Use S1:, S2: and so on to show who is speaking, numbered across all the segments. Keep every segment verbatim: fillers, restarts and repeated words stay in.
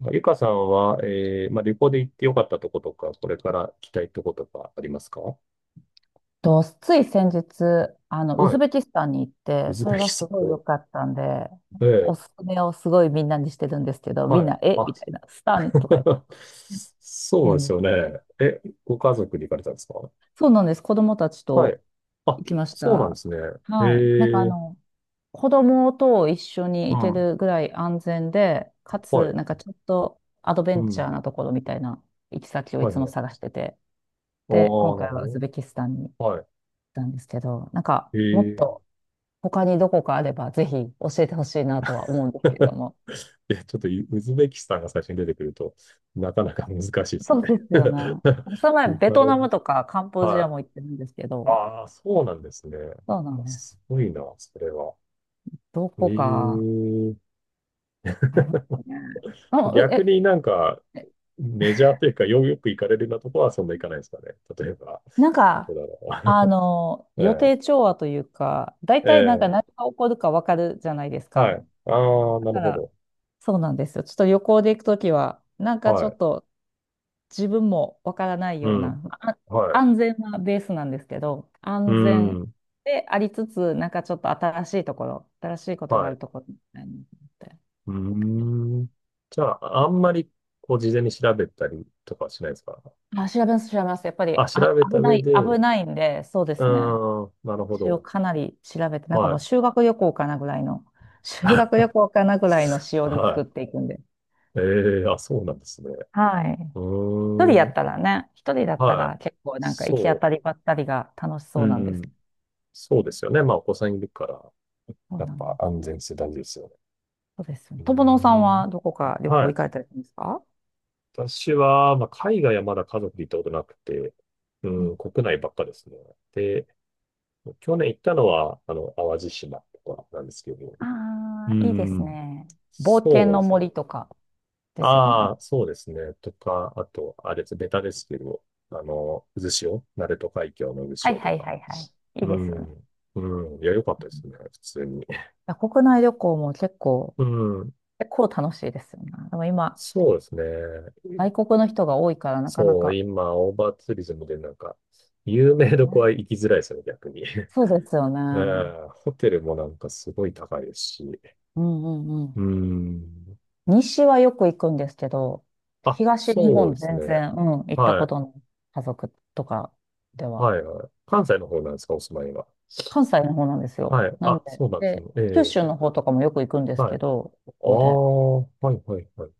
S1: まあゆかさんは、えー、まあ、旅行で行ってよかったとことか、これから行きたいとことかありますか？
S2: と、つい先日、あの、ウ
S1: は
S2: ズ
S1: い。
S2: ベキスタンに行っ
S1: ウ
S2: て、
S1: ズ
S2: それ
S1: ベ
S2: が
S1: キ
S2: す
S1: ス
S2: ご
S1: タ
S2: い良
S1: ン。
S2: かったんで、
S1: え
S2: お
S1: え、
S2: すすめをすごいみんなにしてるんですけど、み
S1: は
S2: ん
S1: い。
S2: な、え
S1: あ、
S2: みたいな、スタンとかやって、
S1: そう
S2: で
S1: で
S2: も
S1: すよね。
S2: ね、
S1: え、ご家族で行かれたんですか？
S2: そうなんです。子供たち
S1: はい。
S2: と
S1: あ、
S2: 行きまし
S1: そうなんで
S2: た。
S1: すね。え
S2: はい。なんかあ
S1: え、
S2: の、子供と一緒に
S1: う
S2: 行け
S1: ん。
S2: るぐらい安全で、か
S1: は
S2: つ、
S1: い。
S2: なんかちょっとアドベ
S1: う
S2: ンチ
S1: ん。
S2: ャーなところみたいな行き先をい
S1: はい
S2: つ
S1: は
S2: も
S1: い。
S2: 探してて、
S1: ああ、
S2: で、今
S1: な
S2: 回
S1: る
S2: はウズ
S1: ほ
S2: ベキスタンに行っ
S1: ど。はい。
S2: たんですけど、なんか、
S1: え
S2: もっと、
S1: え。
S2: 他にどこかあればぜひ教えてほしいなとは思うんですけれども。
S1: いや、ちょっとウウズベキスタンが最初に出てくると、なかなか難しいです
S2: そ
S1: ね。
S2: うですよね。その前、
S1: リ
S2: ベ
S1: ファ
S2: ト
S1: レ
S2: ナム
S1: ン、
S2: とかカンボジア
S1: は
S2: も行ってるんですけ
S1: い。
S2: ど、
S1: ああ、そうなんですね。
S2: そうなん
S1: あ
S2: です。
S1: すごいな、それは。
S2: どこ
S1: え
S2: か
S1: え
S2: ありますか ね。うん、う
S1: 逆
S2: え、
S1: になんか、
S2: え
S1: メジャーというか、よ、よく行かれるようなとこはそんな行かないですかね。例えば、
S2: なん
S1: どこ
S2: か、
S1: だ
S2: あ
S1: ろ
S2: の、
S1: う。
S2: 予
S1: え
S2: 定調和というか、大
S1: え、え
S2: 体なんか
S1: え、
S2: 何が起こるかわかるじゃないです
S1: はい。
S2: か。
S1: ああ、
S2: だ
S1: な
S2: か
S1: るほ
S2: ら、
S1: ど。
S2: そうなんですよ。ちょっと旅行で行くときは、なんかち
S1: は
S2: ょっ
S1: い。
S2: と自分もわからない
S1: う
S2: よう
S1: ん。
S2: な、あ
S1: は
S2: 安
S1: い。
S2: 全なベースなんですけど、
S1: う
S2: 安全
S1: ん。
S2: でありつつ、なんかちょっと新しいところ、新しいことが
S1: は
S2: ある
S1: い。
S2: ところみたいなのって、
S1: うーん。じゃあ、あんまり、こう、事前に調べたりとかはしないですか？
S2: あ、調べます、調べます。やっぱり、
S1: あ、調
S2: あ、
S1: べた
S2: 危な
S1: 上
S2: い、
S1: で、
S2: 危
S1: う
S2: ないんで、そうですね。
S1: ーん、なるほ
S2: 一応
S1: ど。
S2: かなり調べて、なんか
S1: は
S2: もう
S1: い。
S2: 修学旅行かなぐらいの、修学旅行かなぐらいの しおり
S1: は
S2: 作っ
S1: い。
S2: ていくんで。
S1: ええあ、そうなんですね。
S2: はい。
S1: う
S2: 一人や
S1: ー
S2: っ
S1: ん。
S2: たらね、一人だった
S1: は
S2: ら
S1: い。
S2: 結構なんか行き当た
S1: そ
S2: りばったりが楽し
S1: う。
S2: そ
S1: う
S2: うなんです。
S1: ん。そうですよね。まあ、お子さんいるから、
S2: そう
S1: やっ
S2: なんで
S1: ぱ
S2: す。
S1: 安全性大事ですよね。
S2: そうです。
S1: うー
S2: 友野さん
S1: ん。
S2: はどこか旅
S1: は
S2: 行行
S1: い。
S2: かれたりするんですか？
S1: 私は、まあ、海外はまだ家族で行ったことなくて、う
S2: う
S1: ん、
S2: ん。
S1: 国内ばっかですね。で、去年行ったのは、あの、淡路島とかなんですけど、
S2: あ
S1: う
S2: あ、いいです
S1: ん。
S2: ね。冒険
S1: そうで
S2: の
S1: すね。
S2: 森とかですよね。
S1: ああ、そうですね。とか、あと、あれです、ベタですけど、あの、渦潮、鳴門海峡の渦
S2: はい
S1: 潮と
S2: はい
S1: か、
S2: はいはい。いい
S1: う
S2: ですよね。
S1: ん。うん。いや、良かったで
S2: う
S1: す
S2: ん、
S1: ね。普通に。
S2: 国内旅行も結構、
S1: うん。
S2: 結構楽しいですよね。でも今、
S1: そうですね。
S2: 外国の人が多いからなかな
S1: そう、
S2: か。
S1: 今、オーバーツーリズムでなんか、有名どこは
S2: ね、
S1: 行きづらいですよね、逆に。
S2: そうですよ
S1: う
S2: ね。
S1: ん。ホテルもなんかすごい高いですし。
S2: うんうんう
S1: う
S2: ん。
S1: ん。
S2: 西はよく行くんですけど、
S1: あ、
S2: 東日
S1: そうで
S2: 本
S1: す
S2: 全
S1: ね。
S2: 然、うん、行った
S1: は
S2: こ
S1: い。
S2: との家族とかでは。
S1: はい、はい。関西の方なんですか、お住まいが？
S2: 関西の方なんですよ。
S1: はい。
S2: なん
S1: あ、
S2: で、
S1: そうなんですね。
S2: で、
S1: え
S2: 九
S1: え。
S2: 州の方とかもよく行くんです
S1: はい。
S2: け
S1: あ
S2: ど、ここで。
S1: あ、はい、はい、はい。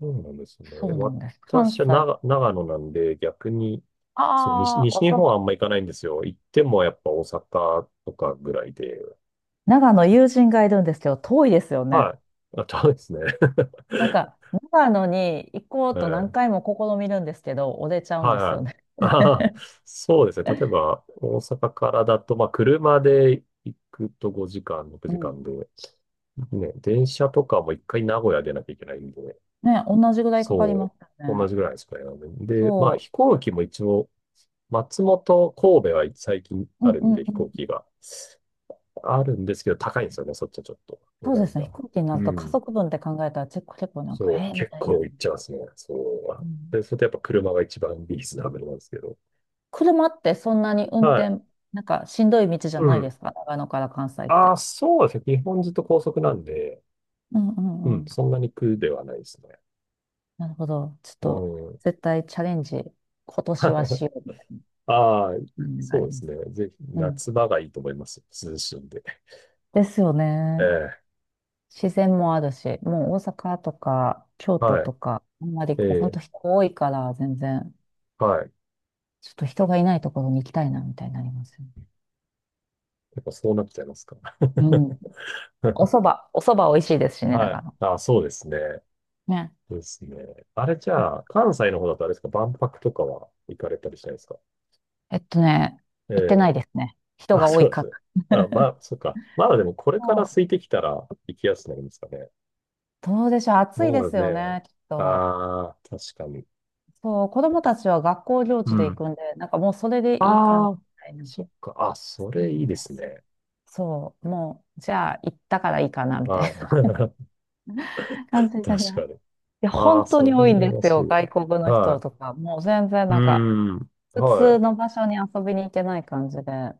S1: そうなんですね。
S2: そうなんです。関
S1: 私は
S2: 西。
S1: 長、長野なんで、逆に、そう、西、
S2: ああ、
S1: 西
S2: お
S1: 日
S2: 蕎
S1: 本
S2: 麦。
S1: はあんま行かないんですよ。行ってもやっぱ大阪とかぐらいで。
S2: 長野
S1: そ
S2: 友人がいるんですけど、遠いですよ
S1: う
S2: ね。
S1: はい。あ、そうですね。
S2: なん か、長野に行こうと何
S1: ええ
S2: 回も試みるんですけど、折れちゃうん
S1: は
S2: で
S1: い
S2: す
S1: は
S2: よ
S1: い。
S2: ね。
S1: あーそうですね。例えば、大阪からだと、まあ、車で行くとごじかん、6
S2: う
S1: 時
S2: ん。
S1: 間で、ね、電車とかも一回名古屋出なきゃいけないんで、
S2: ね、同じぐらいかか
S1: そ
S2: りま
S1: う、
S2: すよ
S1: 同
S2: ね。
S1: じぐらいですかね。
S2: そ
S1: で、まあ、飛行機も一応、松本、神戸は最近
S2: う。う
S1: ある
S2: んう
S1: んで、
S2: ん
S1: 飛
S2: う
S1: 行
S2: ん。
S1: 機が。あるんですけど、高いんですよね、そっちはちょっと、値
S2: そうで
S1: 段
S2: すね。飛
S1: が。
S2: 行機にな
S1: う
S2: ると家
S1: ん。
S2: 族分って考えたら結構結構なんか、
S1: そう、
S2: えー、み
S1: 結
S2: たいな。
S1: 構
S2: う
S1: いっちゃいますね、そうは。
S2: ん。
S1: で、それでやっぱ車が一番リーズナブルなんですけど。
S2: 車ってそんなに運
S1: はい。
S2: 転、なんかしんどい道じゃ
S1: う
S2: ないで
S1: ん。
S2: すか、長野から関西っ
S1: あ
S2: て。
S1: あ、そうですね。基本ずっと高速なんで、
S2: うんう
S1: う
S2: んう
S1: ん、
S2: ん。
S1: そんなに苦ではないですね。
S2: なるほど。ちょっ
S1: う
S2: と、
S1: ん。
S2: 絶対チャレンジ、今年は しようみたいな
S1: ああ、
S2: 感じがあ
S1: そう
S2: り
S1: で
S2: ま
S1: す
S2: す。
S1: ね。ぜひ、
S2: うん。
S1: 夏場がいいと思います。涼しいんで。
S2: ですよね。
S1: ええ
S2: 自然もあるし、もう大阪とか京都
S1: は
S2: とか、あんまり
S1: い。え
S2: こう、本
S1: え
S2: 当人多いから、全然、
S1: はい。
S2: ちょっと人がいないところに行きたいな、みたいになりますよね。
S1: やっぱそうなっちゃいますか。
S2: うん。お蕎麦、お蕎麦美味しいですしね、
S1: は
S2: 長
S1: い。
S2: 野。
S1: あ、そうですね。
S2: ね。
S1: そうですね。あれじゃあ、関西の方だとあれですか、万博とかは行かれたりしないですか？
S2: えっとね、
S1: え
S2: 行ってない
S1: え。
S2: ですね。人
S1: あ、
S2: が多
S1: そ
S2: い
S1: うです
S2: か
S1: ね。
S2: ら。
S1: あ、まあ、そっか。まだでもこれから空いてきたら行きやすくなりますかね。
S2: そうでしょう。暑いで
S1: そうで
S2: す
S1: す
S2: よ
S1: ね。
S2: ね、きっと。
S1: ああ、確かに。
S2: そう、子供たちは学校行
S1: う
S2: 事で
S1: ん。
S2: 行くんで、なんかもうそれでいいかな、み
S1: ああ、
S2: たいな。
S1: そっか。あ、
S2: そ
S1: そ
S2: う
S1: れい
S2: な
S1: い
S2: ん
S1: で
S2: で
S1: す
S2: すよ。
S1: ね。
S2: そう、もう、じゃあ行ったからいいかな、みたい
S1: はい。
S2: な 感じに
S1: 確
S2: なります。い
S1: かに。
S2: や、
S1: ああ、
S2: 本当
S1: それ
S2: に多いん
S1: 羨
S2: で
S1: ま
S2: す
S1: しい
S2: よ、外国の
S1: わ。は
S2: 人と
S1: い。
S2: か。もう全然
S1: う
S2: なんか、
S1: ーん。
S2: 普
S1: は
S2: 通
S1: い。
S2: の場所に遊びに行けない感じで。だ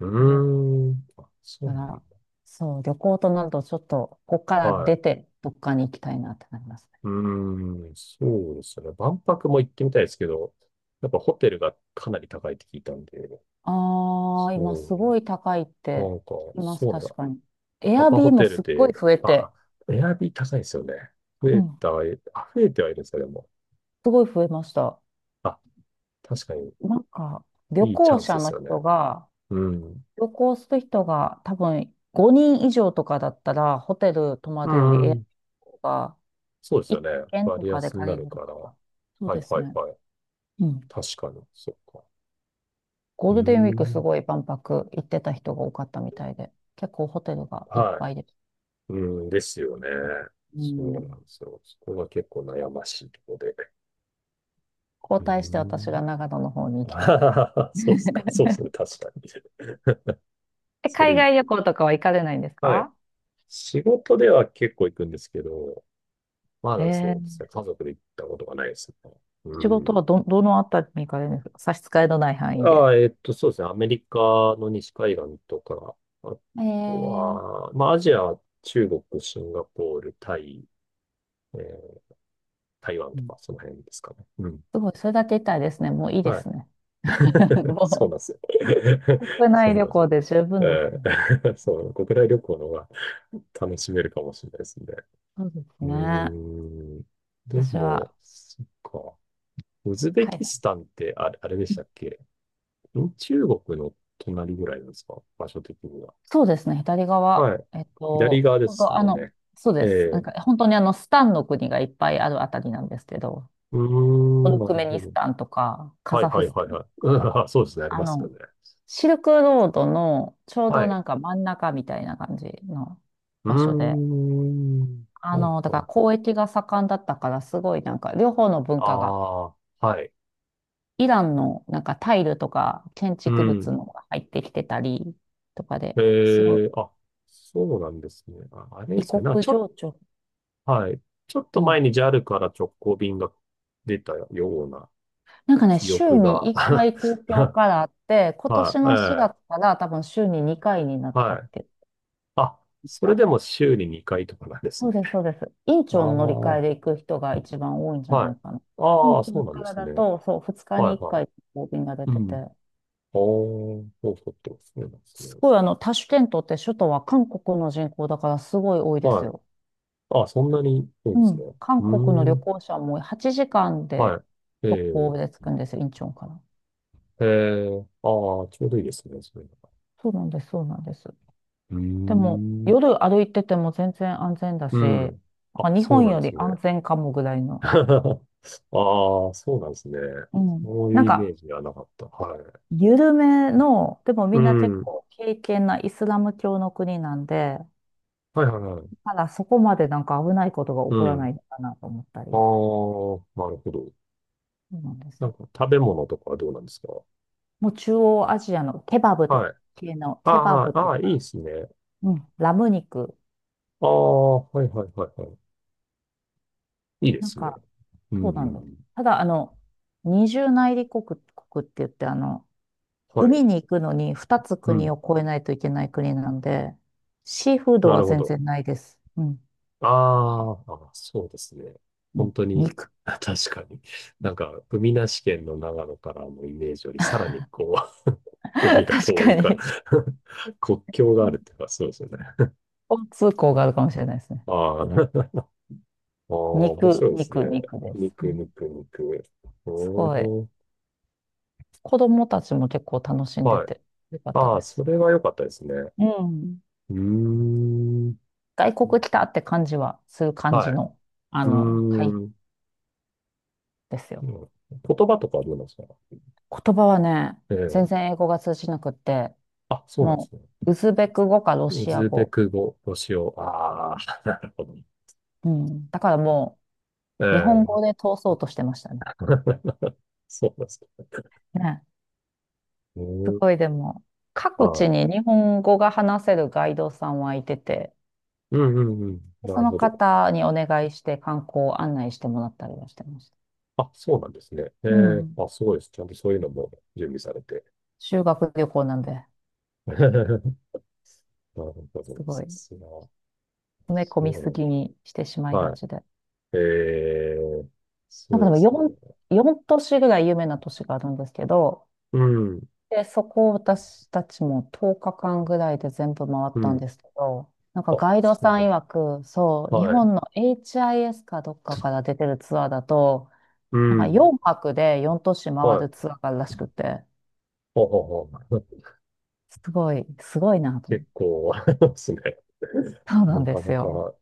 S1: うーん。あ、そう
S2: か
S1: なんだ。
S2: ら、そう、旅行となるとちょっと、ここから
S1: は
S2: 出
S1: い。
S2: て、どっかに行きたいなってなります。
S1: うーん、そうですね。万博も行ってみたいですけど、やっぱホテルがかなり高いって聞いたんで、
S2: ああ、今
S1: そ
S2: すごい高いっ
S1: う、
S2: て
S1: なんか、
S2: 聞きます、
S1: そうなん
S2: 確
S1: だ。
S2: かに。エ
S1: ア
S2: ア
S1: パ
S2: ビ
S1: ホ
S2: ーも
S1: テル
S2: すっごい
S1: で、
S2: 増え
S1: あ、
S2: て、
S1: エアビー高いですよね。増
S2: う
S1: え
S2: ん、
S1: た、えあ、増えてはいるんですか、でも。
S2: すごい増えました。
S1: あ、確かに、
S2: なんか、旅
S1: いいチ
S2: 行
S1: ャンスで
S2: 者
S1: す
S2: の
S1: よね。
S2: 人が、
S1: うん。
S2: 旅行する人が多分ごにん以上とかだったら、ホテル泊ま
S1: う
S2: るよりエアビ
S1: ん。
S2: ーが
S1: そうですよ
S2: いっ
S1: ね。
S2: 軒と
S1: 割
S2: かで
S1: 安にな
S2: 借り
S1: る
S2: れる
S1: から。
S2: か
S1: は
S2: ら。そう
S1: い
S2: です
S1: はい
S2: ね。
S1: はい。
S2: うん。
S1: 確かに、そうか。
S2: ゴ
S1: う
S2: ー
S1: ー
S2: ルデンウィークす
S1: ん。
S2: ごい万博行ってた人が多かったみたいで、結構ホテルがいっ
S1: は
S2: ぱいです。
S1: い。うん、ですよね。
S2: う
S1: そうな
S2: ん。
S1: んですよ。そこが結構悩ましいところで。
S2: 交
S1: う
S2: 代して私
S1: ん。
S2: が長野の方に行きたい。
S1: そうっすか。そうですね。確かに。
S2: え、
S1: そ
S2: 海
S1: れいい、
S2: 外旅行とかは行かれないんです
S1: はい。
S2: か？
S1: 仕事では結構行くんですけど、まだそ
S2: え
S1: うで
S2: え、
S1: すね。家族で行ったことがないですね。う
S2: 仕事は
S1: ん。
S2: ど、どのあたりに行かれるんですか？差し支えのない範囲
S1: あ
S2: で。
S1: あ、えっと、そうですね。アメリカの西海岸とか、あ
S2: え
S1: と
S2: ー、
S1: は、まあ、アジアは中国、シンガポール、タイ、えー台湾
S2: う
S1: と
S2: ん、
S1: か、その辺ですかね。うん。
S2: すごい、それだけ言ったらですね、もういいで
S1: はい
S2: すね。
S1: そう
S2: も
S1: なんですよ。
S2: う、国
S1: そ
S2: 内
S1: う
S2: 旅
S1: なんです
S2: 行
S1: よ。
S2: で十分です
S1: え
S2: ね。
S1: え そう、国内旅行の方が楽しめるかもしれないですね。
S2: そうです
S1: うー
S2: ね。
S1: ん。で
S2: 私
S1: も、
S2: は、
S1: そっか。ウズベ
S2: 海
S1: キ
S2: 外。
S1: スタンってあれ、あれで
S2: う
S1: した
S2: ん、
S1: っけ？ん中国の隣ぐらいなんですか、場所的には？
S2: そうですね、左側。
S1: はい。
S2: えっ
S1: 左
S2: と、
S1: 側で
S2: なん
S1: す
S2: かあ
S1: もん
S2: の、
S1: ね。
S2: そう
S1: え
S2: です。なん
S1: え
S2: か、本当にあの、スタンの国がいっぱいあるあたりなんですけど、
S1: うー
S2: ト
S1: ん、
S2: ル
S1: な
S2: ク
S1: る
S2: メ
S1: ほ
S2: ニス
S1: ど。
S2: タンとか、カ
S1: はい
S2: ザフ
S1: はい
S2: ス
S1: は
S2: タ
S1: い
S2: ン、
S1: はい。うん そうですね、あり
S2: あ
S1: ますよ
S2: の、
S1: ね。
S2: シルクロードのちょう
S1: は
S2: ど
S1: い。
S2: なんか真ん中みたいな感じの
S1: うー
S2: 場所で、
S1: ん。
S2: あ
S1: はい
S2: の、だ
S1: は
S2: か
S1: い
S2: ら
S1: はい。
S2: 交易が盛んだったからすごいなんか両方の文化が、
S1: ああ、はい。
S2: イランのなんかタイルとか建
S1: う
S2: 築物
S1: ん。
S2: も入ってきてたりとか
S1: え
S2: で、すごい
S1: ーあ、そうなんですね。あ、あれ
S2: 異
S1: ですかね。なんか
S2: 国
S1: ちょ
S2: 情
S1: っ、
S2: 緒。
S1: はい。ちょっと
S2: うん。
S1: 前に JAL から直行便が出たような
S2: なんかね、
S1: 記
S2: 週
S1: 憶
S2: に
S1: が。
S2: いっかい東京 からあって、今年
S1: はい、え
S2: のしがつ
S1: え
S2: から多分週ににかいになった
S1: は
S2: っ
S1: い。
S2: て言って
S1: あ、
S2: まし
S1: それ
S2: た。
S1: でも週ににかいとかなんです
S2: そう
S1: ね。
S2: です、そうです。院
S1: あ
S2: 長
S1: あ、
S2: の乗り換え
S1: は
S2: で行く人が一番多いんじゃな
S1: い。
S2: いかな。
S1: あ
S2: 院
S1: あ、そ
S2: 長
S1: うなん
S2: か
S1: で
S2: ら
S1: す
S2: だ
S1: ね。
S2: と、そう、ふつか
S1: は
S2: に
S1: い、
S2: 1
S1: はい。
S2: 回こう便が出
S1: う
S2: てて、
S1: ん。ああ、そうそうそう、そうなんですね。
S2: すごいあの、タシュケントって首都は韓国の人口だからすごい多いです
S1: はい。
S2: よ。
S1: あ、そんなに多いんで
S2: う
S1: すね。
S2: ん。
S1: う
S2: 韓国の
S1: ー
S2: 旅
S1: ん。
S2: 行者もはちじかんで
S1: はい。
S2: 直
S1: え
S2: 行
S1: え
S2: で着くんですよ、インチョンから。
S1: ええ、ああ、ちょうどいいですね、そういうのが。
S2: そうなんです、そうなんです。
S1: うー
S2: でも、
S1: ん。
S2: 夜歩いてても全然安全だし、
S1: う
S2: な
S1: ん。あ、
S2: んか日
S1: そう
S2: 本
S1: なんで
S2: より
S1: すね。
S2: 安全かもぐらい の。
S1: ああ、そうなんですね。
S2: うん。
S1: そういう
S2: なん
S1: イメ
S2: か、
S1: ージではなかった。はい。
S2: 緩めの、でも
S1: う
S2: みんな結
S1: ん。
S2: 構敬虔なイスラム教の国なんで、
S1: はいはいはい。
S2: ただそこまでなんか危ないことが起こ
S1: う
S2: らない
S1: ん。
S2: のかなと思ったり、
S1: あ
S2: そ
S1: あ、なるほど。
S2: うなんです
S1: なん
S2: よ。
S1: か食べ物とかはどうなんですか？
S2: もう中央アジアのケバブ
S1: は
S2: と
S1: い。
S2: 系の、
S1: あ
S2: ケバブ
S1: あ、
S2: と
S1: ああ、いい
S2: か、
S1: ですね。
S2: うん、ラム肉、
S1: ああ、はいはいはいはい。いいで
S2: なん
S1: すね。
S2: か、
S1: うんう
S2: そう
S1: ん
S2: な
S1: う
S2: んです。
S1: ん。
S2: ただ、あの、二重内陸国、国って言って、あの、
S1: はい。
S2: 海に行くのに二つ
S1: う
S2: 国を
S1: ん。
S2: 越えないといけない国なんで、シーフード
S1: な
S2: は
S1: るほ
S2: 全
S1: ど。
S2: 然ないです。うん。
S1: あーあ、そうですね。
S2: う
S1: 本
S2: ん、
S1: 当に、
S2: 肉。
S1: あ確かに。なんか、海なし県の長野からのイメージより、さらにこう、海 が
S2: 確
S1: 遠
S2: か
S1: いから
S2: に。
S1: 国境があるっていうか、そうですよね。
S2: 交通校があるかもしれないですね。
S1: ああ、ああ面
S2: 肉、
S1: 白いですね。
S2: 肉、肉です。
S1: 肉、
S2: うん、
S1: 肉、肉。
S2: す
S1: お
S2: ごい。
S1: ー、
S2: 子供たちも結構楽しんで
S1: はい。
S2: てよかった
S1: あ
S2: で
S1: あ、そ
S2: す。
S1: れは良かったですね。
S2: うん。
S1: うーん。
S2: 外国来たって感じはする感じ
S1: はい。
S2: の、あ
S1: う
S2: の、会
S1: ーん。
S2: ですよ。
S1: 言葉とかはどうなんですか？
S2: 言葉はね、
S1: え
S2: 全
S1: え
S2: 然英語が通じなくって、
S1: あ、そうなんです
S2: も
S1: ね。
S2: う、ウズベク語かロ
S1: ウ
S2: シア
S1: ズベ
S2: 語。
S1: ク語を使用。ああ、なるほど。
S2: うん。だからも
S1: え
S2: う、日本語
S1: え。
S2: で通そうとしてましたね。
S1: そうなんですか。
S2: ね。す
S1: うん、
S2: ごいでも、各地
S1: は
S2: に日本語が話せるガイドさんはいてて、
S1: い。うんうんうん。な
S2: そ
S1: る
S2: の
S1: ほど。
S2: 方にお願いして観光を案内してもらったりはしてまし
S1: あ、そうなんですね。え
S2: た。う
S1: え、
S2: ん。
S1: あ、すごいです。ちゃんとそういうのも準備されて。
S2: 修学旅行なんで、
S1: なるほ
S2: す
S1: ど。
S2: ご
S1: さ
S2: い、詰
S1: すが。そ
S2: め込
S1: う
S2: み
S1: な
S2: す
S1: の。
S2: ぎにしてしまいが
S1: はい。
S2: ちで。
S1: ええ、す
S2: なんか
S1: ごい
S2: で
S1: で
S2: も
S1: すね。
S2: よん、よん都市ぐらい有名な都市があるんですけど、
S1: うん、
S2: で、そこを私たちもとおかかんぐらいで全部回っ
S1: う
S2: たん
S1: ん。
S2: ですけど、なんか
S1: あ、
S2: ガイド
S1: そう
S2: さ
S1: な
S2: ん
S1: んです。
S2: 曰く、そう、日
S1: はい。
S2: 本の エイチアイエス かどっかから出てるツアーだと、
S1: う
S2: なんか
S1: ん、
S2: よんはくでよん都市回
S1: は
S2: る
S1: い。
S2: ツアーがあるらしくて、
S1: ほうほうほう。
S2: すごい、すごいな と。
S1: 結構、あれですね。
S2: そうなん
S1: な
S2: で
S1: か
S2: す
S1: な
S2: よ。
S1: か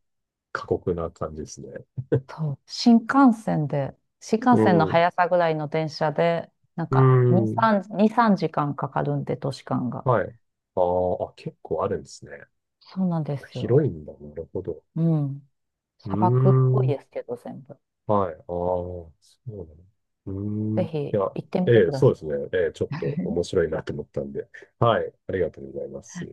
S1: 過酷な感じですね。
S2: そう。新幹線で、新
S1: う
S2: 幹線の
S1: ん。
S2: 速さぐらいの電車で、なん
S1: う
S2: かに、
S1: ん。
S2: さん、に、さんじかんかんかかるんで、都市間が。
S1: はい。あーあ、結構あるんですね。
S2: そうなんですよ。
S1: 広いんだ。なるほど。
S2: うん。
S1: うー
S2: 砂漠っぽい
S1: ん。
S2: ですけど、全部。
S1: はい。ああ、そうなの。うーん。
S2: ぜ
S1: い
S2: ひ
S1: や、
S2: 行ってみて
S1: え
S2: く
S1: え、
S2: だ
S1: そ
S2: さ
S1: う
S2: い。
S1: ですね。ええ、ちょっと面 白いなと思ったんで。はい。ありがとうございます。